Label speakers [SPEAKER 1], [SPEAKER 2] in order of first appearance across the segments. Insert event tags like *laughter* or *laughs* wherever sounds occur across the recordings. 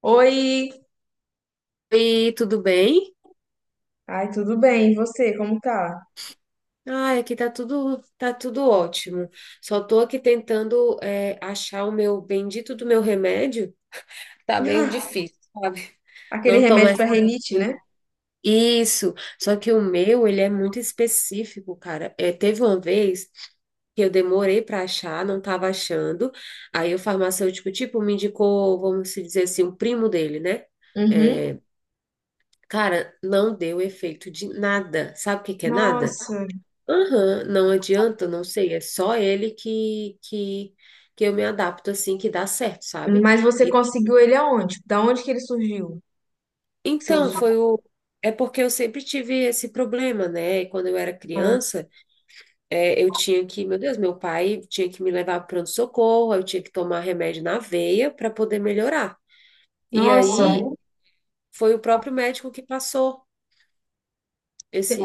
[SPEAKER 1] Oi!
[SPEAKER 2] Oi, tudo bem?
[SPEAKER 1] Ai, tudo bem? E você, como tá?
[SPEAKER 2] Ai, aqui tá tudo ótimo. Só tô aqui tentando achar o meu bendito do meu remédio. Tá meio
[SPEAKER 1] *laughs*
[SPEAKER 2] difícil, sabe?
[SPEAKER 1] Aquele
[SPEAKER 2] Não tô
[SPEAKER 1] remédio
[SPEAKER 2] mais
[SPEAKER 1] pra renite, né?
[SPEAKER 2] conseguindo. Isso. Só que o meu, ele é muito específico, cara. Teve uma vez que eu demorei para achar, não estava achando. Aí o farmacêutico, tipo, me indicou, vamos se dizer assim, um primo dele, né?
[SPEAKER 1] Uhum.
[SPEAKER 2] É, cara, não deu efeito de nada. Sabe o que que é nada?
[SPEAKER 1] Nossa,
[SPEAKER 2] Aham, não adianta, não sei, é só ele que eu me adapto assim, que dá certo, sabe?
[SPEAKER 1] mas você
[SPEAKER 2] E-
[SPEAKER 1] conseguiu ele aonde? Da onde que ele surgiu? Que você
[SPEAKER 2] então,
[SPEAKER 1] usou?
[SPEAKER 2] foi o. É porque eu sempre tive esse problema, né? E quando eu era criança, eu tinha que, meu Deus, meu pai tinha que me levar para pronto-socorro, eu tinha que tomar remédio na veia para poder melhorar. E
[SPEAKER 1] Nossa,
[SPEAKER 2] aí foi o próprio médico que passou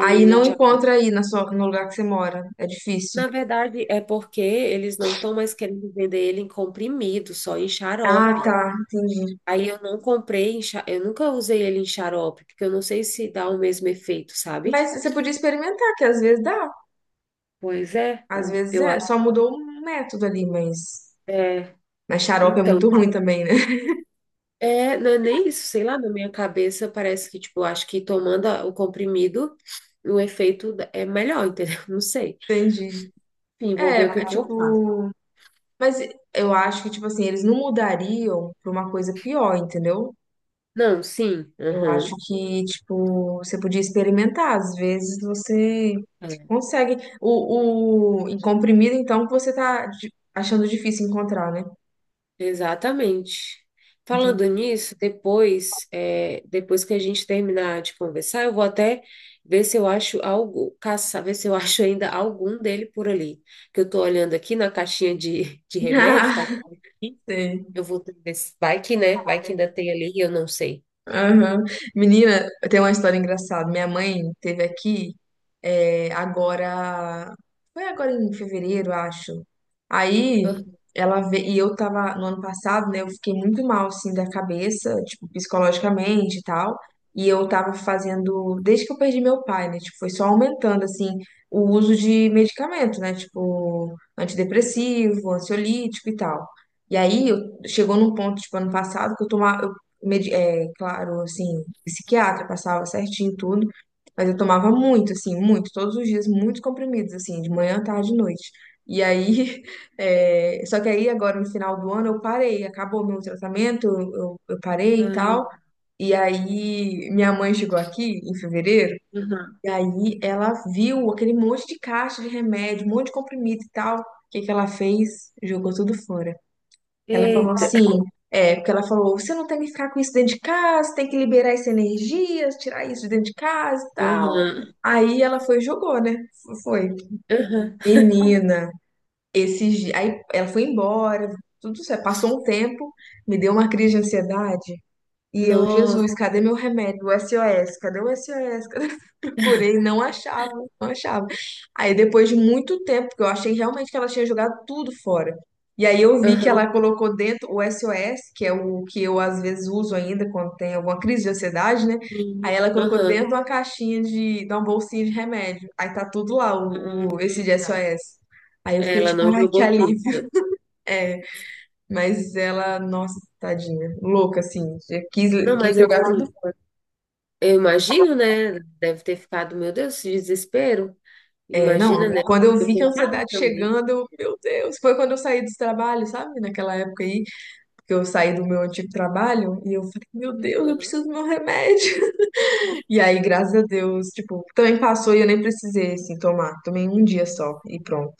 [SPEAKER 1] aí não encontra
[SPEAKER 2] antialérgico.
[SPEAKER 1] aí na sua, no lugar que você mora. É difícil.
[SPEAKER 2] Na verdade, é porque eles não estão mais querendo vender ele em comprimido, só em
[SPEAKER 1] Ah,
[SPEAKER 2] xarope.
[SPEAKER 1] tá, entendi.
[SPEAKER 2] Aí eu não comprei, eu nunca usei ele em xarope, porque eu não sei se dá o mesmo efeito, sabe?
[SPEAKER 1] Mas você podia experimentar, que às vezes dá.
[SPEAKER 2] Pois é,
[SPEAKER 1] Às vezes
[SPEAKER 2] eu
[SPEAKER 1] é,
[SPEAKER 2] acho.
[SPEAKER 1] só mudou o método ali, mas.
[SPEAKER 2] É,
[SPEAKER 1] Mas xarope é
[SPEAKER 2] então,
[SPEAKER 1] muito ruim também, né? *laughs*
[SPEAKER 2] não é nem isso, sei lá, na minha cabeça parece que, tipo, eu acho que o comprimido, o é melhor, entendeu? *laughs* Não sei.
[SPEAKER 1] Entendi.
[SPEAKER 2] Enfim, vou ver o que
[SPEAKER 1] É
[SPEAKER 2] que eu faço.
[SPEAKER 1] tipo. Mas eu acho que, tipo assim, eles não mudariam pra uma coisa pior, entendeu?
[SPEAKER 2] Não, sim,
[SPEAKER 1] Eu acho
[SPEAKER 2] aham.
[SPEAKER 1] que, tipo, você podia experimentar. Às vezes você
[SPEAKER 2] É.
[SPEAKER 1] consegue. Em comprimido, então, que você tá achando difícil encontrar, né?
[SPEAKER 2] Exatamente. Falando
[SPEAKER 1] Entendi.
[SPEAKER 2] nisso, depois, depois que a gente terminar de conversar, eu vou até ver se eu acho algo, caçar, ver se eu *laughs* acho ainda algum dele por ali. Que eu tô olhando aqui na caixinha de
[SPEAKER 1] *laughs*
[SPEAKER 2] remédio,
[SPEAKER 1] Ah,
[SPEAKER 2] tá?
[SPEAKER 1] sei.
[SPEAKER 2] Eu vou ver se vai que, né? Vai que ainda tem ali, eu não sei.
[SPEAKER 1] Aham. Menina, tem uma história engraçada. Minha mãe teve aqui agora. Foi agora em fevereiro, acho. Aí
[SPEAKER 2] Aham,
[SPEAKER 1] ela veio. E eu tava no ano passado, né? Eu fiquei muito mal, assim, da cabeça, tipo, psicologicamente e tal. E eu tava fazendo. Desde que eu perdi meu pai, né? Tipo, foi só aumentando, assim, o uso de medicamento, né? Tipo, antidepressivo, ansiolítico e tal. E aí eu, chegou num ponto, tipo, ano passado, que eu tomava claro, assim, psiquiatra, passava certinho tudo, mas eu tomava muito, assim, muito, todos os dias, muitos comprimidos, assim, de manhã, tarde e noite. E aí, *laughs* só que aí agora no final do ano eu parei, acabou meu tratamento, eu parei e tal.
[SPEAKER 2] aham,
[SPEAKER 1] E aí minha mãe chegou aqui em fevereiro,
[SPEAKER 2] aham.
[SPEAKER 1] e aí ela viu aquele monte de caixa de remédio, um monte de comprimido e tal. O que que ela fez? Jogou tudo fora. Ela falou
[SPEAKER 2] Eita.
[SPEAKER 1] assim, porque ela falou, você não tem que ficar com isso dentro de casa, tem que liberar essa energia, tirar isso de dentro de casa e tal.
[SPEAKER 2] Aham,
[SPEAKER 1] Aí ela foi e jogou, né? Foi.
[SPEAKER 2] aham.
[SPEAKER 1] Menina, esses dias. Aí ela foi embora, tudo certo. Passou um tempo, me deu uma crise de ansiedade. E eu,
[SPEAKER 2] Nossa.
[SPEAKER 1] Jesus, cadê meu remédio? O SOS, cadê o SOS? Procurei, não achava, não achava. Aí depois de muito tempo, porque eu achei realmente que ela tinha jogado tudo fora. E aí eu vi que
[SPEAKER 2] Aham.
[SPEAKER 1] ela colocou dentro o SOS, que é o que eu às vezes uso ainda quando tem alguma crise de ansiedade, né? Aí
[SPEAKER 2] Sim.
[SPEAKER 1] ela colocou dentro de
[SPEAKER 2] Aham.
[SPEAKER 1] uma caixinha de uma bolsinha de remédio. Aí tá tudo lá, esse
[SPEAKER 2] Ah,
[SPEAKER 1] de
[SPEAKER 2] tá.
[SPEAKER 1] SOS. Aí eu fiquei
[SPEAKER 2] Ela
[SPEAKER 1] tipo,
[SPEAKER 2] não
[SPEAKER 1] ai, que
[SPEAKER 2] jogou tudo, né?
[SPEAKER 1] alívio. É, mas ela, nossa, tadinha, louca assim, quis,
[SPEAKER 2] Não,
[SPEAKER 1] quis
[SPEAKER 2] mas
[SPEAKER 1] jogar tudo.
[SPEAKER 2] assim, eu imagino, né? Deve ter ficado, meu Deus, esse desespero.
[SPEAKER 1] É, não,
[SPEAKER 2] Imagina, né?
[SPEAKER 1] quando eu vi que a
[SPEAKER 2] Preocupada
[SPEAKER 1] ansiedade
[SPEAKER 2] também.
[SPEAKER 1] chegando, eu, meu Deus, foi quando eu saí do trabalho, sabe? Naquela época aí, que eu saí do meu antigo trabalho, e eu falei, meu Deus, eu
[SPEAKER 2] Aham.
[SPEAKER 1] preciso do meu remédio. *laughs* E aí, graças a Deus, tipo, também passou e eu nem precisei, assim, tomar. Tomei um dia só e pronto.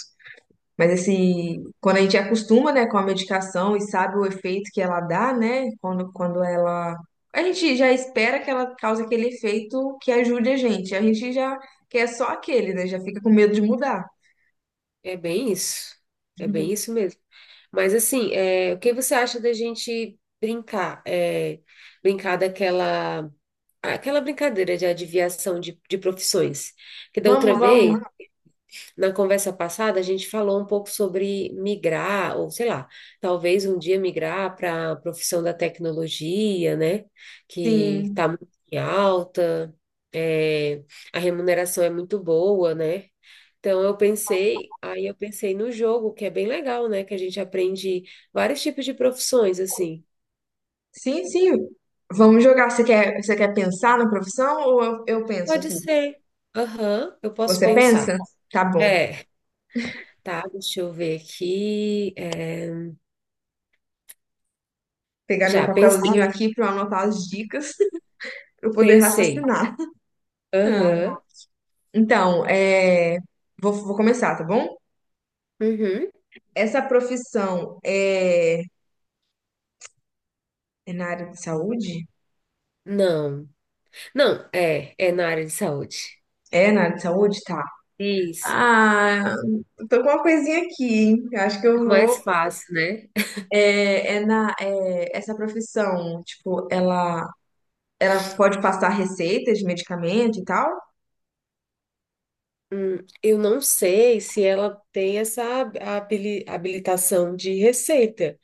[SPEAKER 1] Mas, assim, quando a gente acostuma, né, com a medicação e sabe o efeito que ela dá, né, quando ela... A gente já espera que ela cause aquele efeito que ajude a gente. A gente já quer só aquele, né, já fica com medo de mudar.
[SPEAKER 2] É bem isso. É bem isso mesmo. Mas assim, é, o que você acha da gente brincar? É, brincar daquela aquela brincadeira de adivinhação de profissões. Que da outra
[SPEAKER 1] Vamos, vamos.
[SPEAKER 2] vez, na conversa passada, a gente falou um pouco sobre migrar, ou sei lá, talvez um dia migrar para a profissão da tecnologia, né? Que
[SPEAKER 1] Sim,
[SPEAKER 2] está muito em alta, é, a remuneração é muito boa, né? Então eu pensei, aí eu pensei no jogo, que é bem legal, né? Que a gente aprende vários tipos de profissões, assim.
[SPEAKER 1] sim, sim. Vamos jogar. Você quer pensar na profissão ou eu penso
[SPEAKER 2] Pode
[SPEAKER 1] aqui?
[SPEAKER 2] ser. Aham, eu posso
[SPEAKER 1] Você pensa?
[SPEAKER 2] pensar.
[SPEAKER 1] Tá bom.
[SPEAKER 2] É, tá, deixa eu ver aqui.
[SPEAKER 1] Pegar meu
[SPEAKER 2] Já pensei,
[SPEAKER 1] papelzinho aqui para anotar as dicas para eu poder
[SPEAKER 2] pensei.
[SPEAKER 1] raciocinar. Hum.
[SPEAKER 2] Aham.
[SPEAKER 1] Então, vou começar, tá bom?
[SPEAKER 2] Uhum.
[SPEAKER 1] Essa profissão é na área de saúde?
[SPEAKER 2] Não. Não, é na área de saúde.
[SPEAKER 1] É na área de saúde? Tá.
[SPEAKER 2] Isso.
[SPEAKER 1] Ah, tô com uma coisinha aqui. Hein? Eu acho que eu
[SPEAKER 2] Fica
[SPEAKER 1] vou.
[SPEAKER 2] mais fácil, né?
[SPEAKER 1] Essa profissão, tipo, ela pode passar receitas de medicamento e tal?
[SPEAKER 2] Hum, eu não sei se ela tem essa habilitação de receita,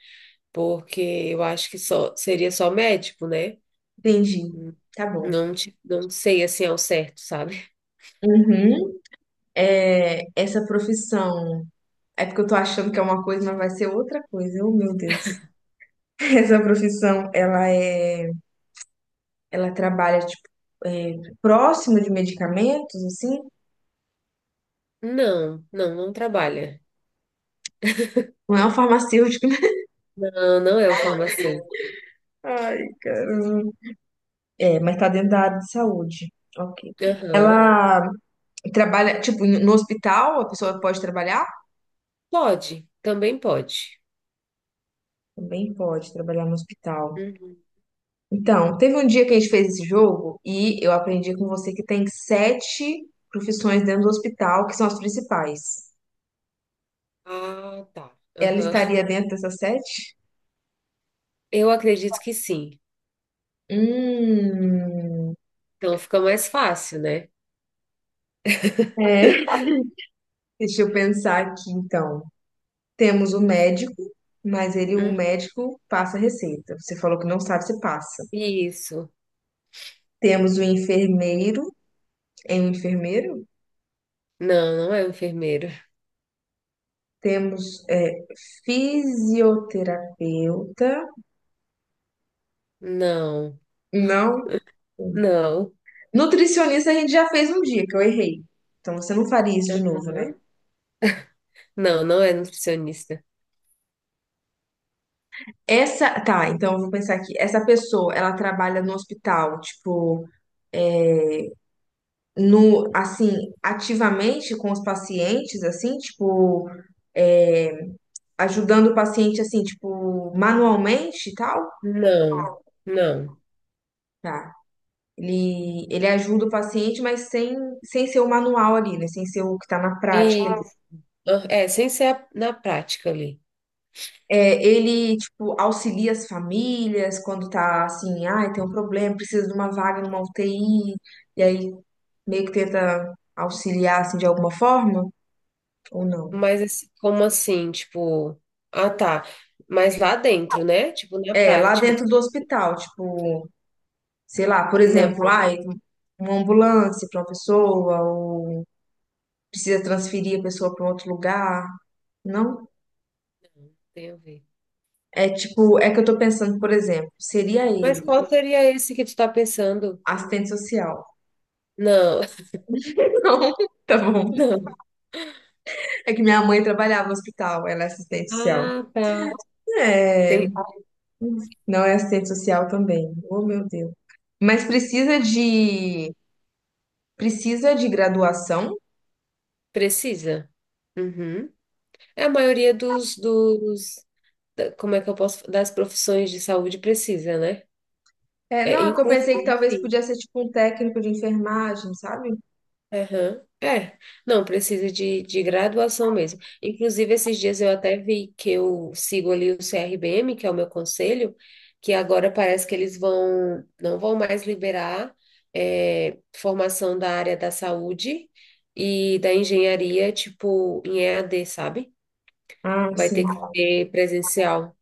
[SPEAKER 2] porque eu acho que só seria só médico, né?
[SPEAKER 1] Entendi.
[SPEAKER 2] Hum,
[SPEAKER 1] Tá bom.
[SPEAKER 2] Não sei assim ao certo, sabe?
[SPEAKER 1] Uhum. Essa profissão. É porque eu tô achando que é uma coisa, mas vai ser outra coisa. Oh, meu Deus. *laughs* Essa profissão, ela é. Ela trabalha, tipo, é, próximo de medicamentos, assim?
[SPEAKER 2] Não, não, não trabalha.
[SPEAKER 1] Não é um farmacêutico, né?
[SPEAKER 2] Não, não é o farmacêutico.
[SPEAKER 1] *laughs* Ai, caramba. É, mas tá dentro da área de saúde. Ok.
[SPEAKER 2] Aham.
[SPEAKER 1] Ela trabalha, tipo, no hospital, a pessoa pode trabalhar?
[SPEAKER 2] Pode, também pode.
[SPEAKER 1] Também pode trabalhar no hospital.
[SPEAKER 2] Uhum.
[SPEAKER 1] Então, teve um dia que a gente fez esse jogo e eu aprendi com você que tem sete profissões dentro do hospital, que são as principais.
[SPEAKER 2] Ah, tá.
[SPEAKER 1] Ela
[SPEAKER 2] Aham.
[SPEAKER 1] estaria dentro dessas sete?
[SPEAKER 2] Eu acredito que sim.
[SPEAKER 1] Hum,
[SPEAKER 2] Então fica mais fácil, né?
[SPEAKER 1] é. *laughs* Deixa eu pensar aqui, então. Temos o médico, mas ele, o
[SPEAKER 2] Hum,
[SPEAKER 1] médico, passa receita. Você falou que não sabe se passa.
[SPEAKER 2] isso.
[SPEAKER 1] Temos o enfermeiro, é um enfermeiro?
[SPEAKER 2] Não, não é um enfermeiro.
[SPEAKER 1] Temos fisioterapeuta.
[SPEAKER 2] Não,
[SPEAKER 1] Não.
[SPEAKER 2] não.
[SPEAKER 1] Nutricionista a gente já fez um dia, que eu errei. Então você não faria isso de novo, né?
[SPEAKER 2] Aham. Não, não é nutricionista.
[SPEAKER 1] Essa, tá, então eu vou pensar aqui. Essa pessoa, ela trabalha no hospital, tipo, no, assim, ativamente com os pacientes, assim, tipo, é, ajudando o paciente, assim, tipo, manualmente e tal?
[SPEAKER 2] Não, não.
[SPEAKER 1] Tá. Ele ajuda o paciente, mas sem ser o manual ali, né? Sem ser o que tá na prática.
[SPEAKER 2] Isso. Ah, sem ser na prática ali.
[SPEAKER 1] Ele, tipo, auxilia as famílias quando tá assim, ai, tem um problema, precisa de uma vaga numa UTI, e aí meio que tenta auxiliar, assim, de alguma forma, ou não?
[SPEAKER 2] Mas assim, como assim? Tipo, ah, tá. Mas lá dentro, né? Tipo, na
[SPEAKER 1] É, lá
[SPEAKER 2] prática. Tu-
[SPEAKER 1] dentro do hospital, tipo, sei lá, por
[SPEAKER 2] não,
[SPEAKER 1] exemplo, ai, uma ambulância para uma pessoa, ou precisa transferir a pessoa para outro lugar, não?
[SPEAKER 2] tem a ver.
[SPEAKER 1] É tipo, é que eu tô pensando, por exemplo, seria
[SPEAKER 2] Mas
[SPEAKER 1] ele,
[SPEAKER 2] qual
[SPEAKER 1] o
[SPEAKER 2] seria esse que tu tá pensando?
[SPEAKER 1] assistente social.
[SPEAKER 2] Não.
[SPEAKER 1] *laughs* Não, tá bom.
[SPEAKER 2] Não.
[SPEAKER 1] É que minha mãe trabalhava no hospital, ela é assistente social.
[SPEAKER 2] Ah, tá.
[SPEAKER 1] É,
[SPEAKER 2] Tem,
[SPEAKER 1] não é assistente social também. Oh, meu Deus. Mas precisa de graduação?
[SPEAKER 2] precisa. Uhum. É a maioria dos como é que eu posso, das profissões de saúde precisa, né?
[SPEAKER 1] É,
[SPEAKER 2] É,
[SPEAKER 1] não, é que eu pensei que talvez
[SPEAKER 2] inclusive,
[SPEAKER 1] podia ser tipo um técnico de enfermagem, sabe?
[SPEAKER 2] aham. É, não, precisa de graduação mesmo. Inclusive, esses dias eu até vi que eu sigo ali o CRBM, que é o meu conselho, que agora parece que eles vão, não vão mais liberar formação da área da saúde e da engenharia, tipo, em EAD, sabe?
[SPEAKER 1] Ah,
[SPEAKER 2] Vai
[SPEAKER 1] sim.
[SPEAKER 2] ter que ser presencial.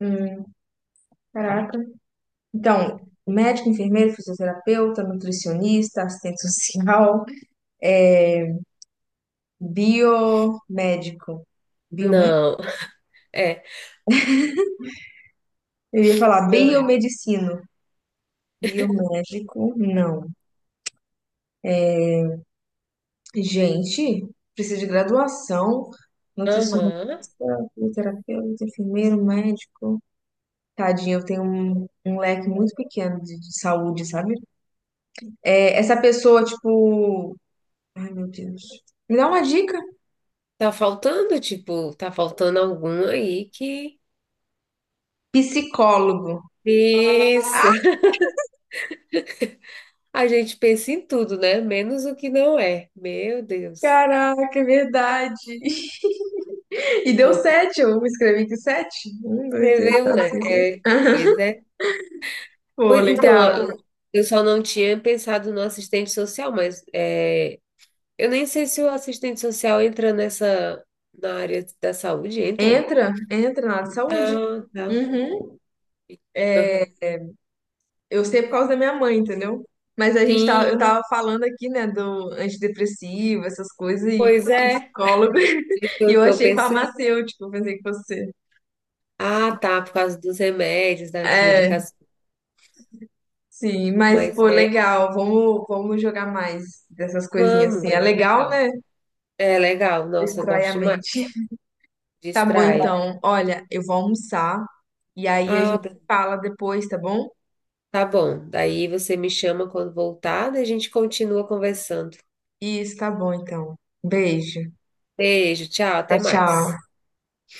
[SPEAKER 1] Hum, caraca. Então, médico, enfermeiro, fisioterapeuta, nutricionista, assistente social, biomédico. Biomédico?
[SPEAKER 2] Não, é,
[SPEAKER 1] Eu ia falar
[SPEAKER 2] não é.
[SPEAKER 1] biomedicino. Biomédico, não. Gente, precisa de graduação.
[SPEAKER 2] Aham.
[SPEAKER 1] Fisioterapeuta, enfermeiro, médico. Tadinha, eu tenho um leque muito pequeno de saúde, sabe? É, essa pessoa, tipo. Ai, meu Deus. Me dá uma dica.
[SPEAKER 2] Tá faltando, tipo, tá faltando algum aí que.
[SPEAKER 1] Psicólogo.
[SPEAKER 2] Isso.
[SPEAKER 1] Ah,
[SPEAKER 2] A gente pensa em tudo, né? Menos o que não é. Meu Deus.
[SPEAKER 1] caraca, é verdade. *laughs* E deu
[SPEAKER 2] Eu
[SPEAKER 1] sete, eu escrevi aqui sete. Um, dois, três,
[SPEAKER 2] escreveu,
[SPEAKER 1] quatro,
[SPEAKER 2] né?
[SPEAKER 1] cinco, seis. *laughs*
[SPEAKER 2] É.
[SPEAKER 1] Pô,
[SPEAKER 2] Pois, então,
[SPEAKER 1] legal.
[SPEAKER 2] eu só não tinha pensado no assistente social, mas é, eu nem sei se o assistente social entra nessa, na área da saúde, entra?
[SPEAKER 1] Entra, entra na área de saúde.
[SPEAKER 2] Ah, tá.
[SPEAKER 1] Uhum.
[SPEAKER 2] Aham.
[SPEAKER 1] Eu sei por causa da minha mãe, entendeu? Mas
[SPEAKER 2] Sim,
[SPEAKER 1] eu tava falando aqui, né, do antidepressivo, essas coisas, e
[SPEAKER 2] pois é.
[SPEAKER 1] psicólogo,
[SPEAKER 2] Isso
[SPEAKER 1] *laughs*
[SPEAKER 2] é
[SPEAKER 1] e
[SPEAKER 2] o
[SPEAKER 1] eu
[SPEAKER 2] que eu
[SPEAKER 1] achei
[SPEAKER 2] pensei.
[SPEAKER 1] farmacêutico, eu pensei que fosse ser.
[SPEAKER 2] Ah, tá, por causa dos remédios, das
[SPEAKER 1] É,
[SPEAKER 2] medicações.
[SPEAKER 1] sim, mas, pô,
[SPEAKER 2] Mas é,
[SPEAKER 1] legal, vamos jogar mais dessas coisinhas
[SPEAKER 2] vamos,
[SPEAKER 1] assim.
[SPEAKER 2] é
[SPEAKER 1] É
[SPEAKER 2] bem
[SPEAKER 1] legal,
[SPEAKER 2] legal.
[SPEAKER 1] né?
[SPEAKER 2] É legal, nossa, eu
[SPEAKER 1] Distrai
[SPEAKER 2] gosto
[SPEAKER 1] a mente.
[SPEAKER 2] demais.
[SPEAKER 1] Tá bom,
[SPEAKER 2] Distrai.
[SPEAKER 1] então. Olha, eu vou almoçar, e aí a gente
[SPEAKER 2] Ah,
[SPEAKER 1] se fala depois, tá bom?
[SPEAKER 2] tá bom. Daí você me chama quando voltar, daí a gente continua conversando.
[SPEAKER 1] Isso, tá bom, então. Beijo.
[SPEAKER 2] Beijo, tchau,
[SPEAKER 1] Tchau,
[SPEAKER 2] até mais.
[SPEAKER 1] tchau.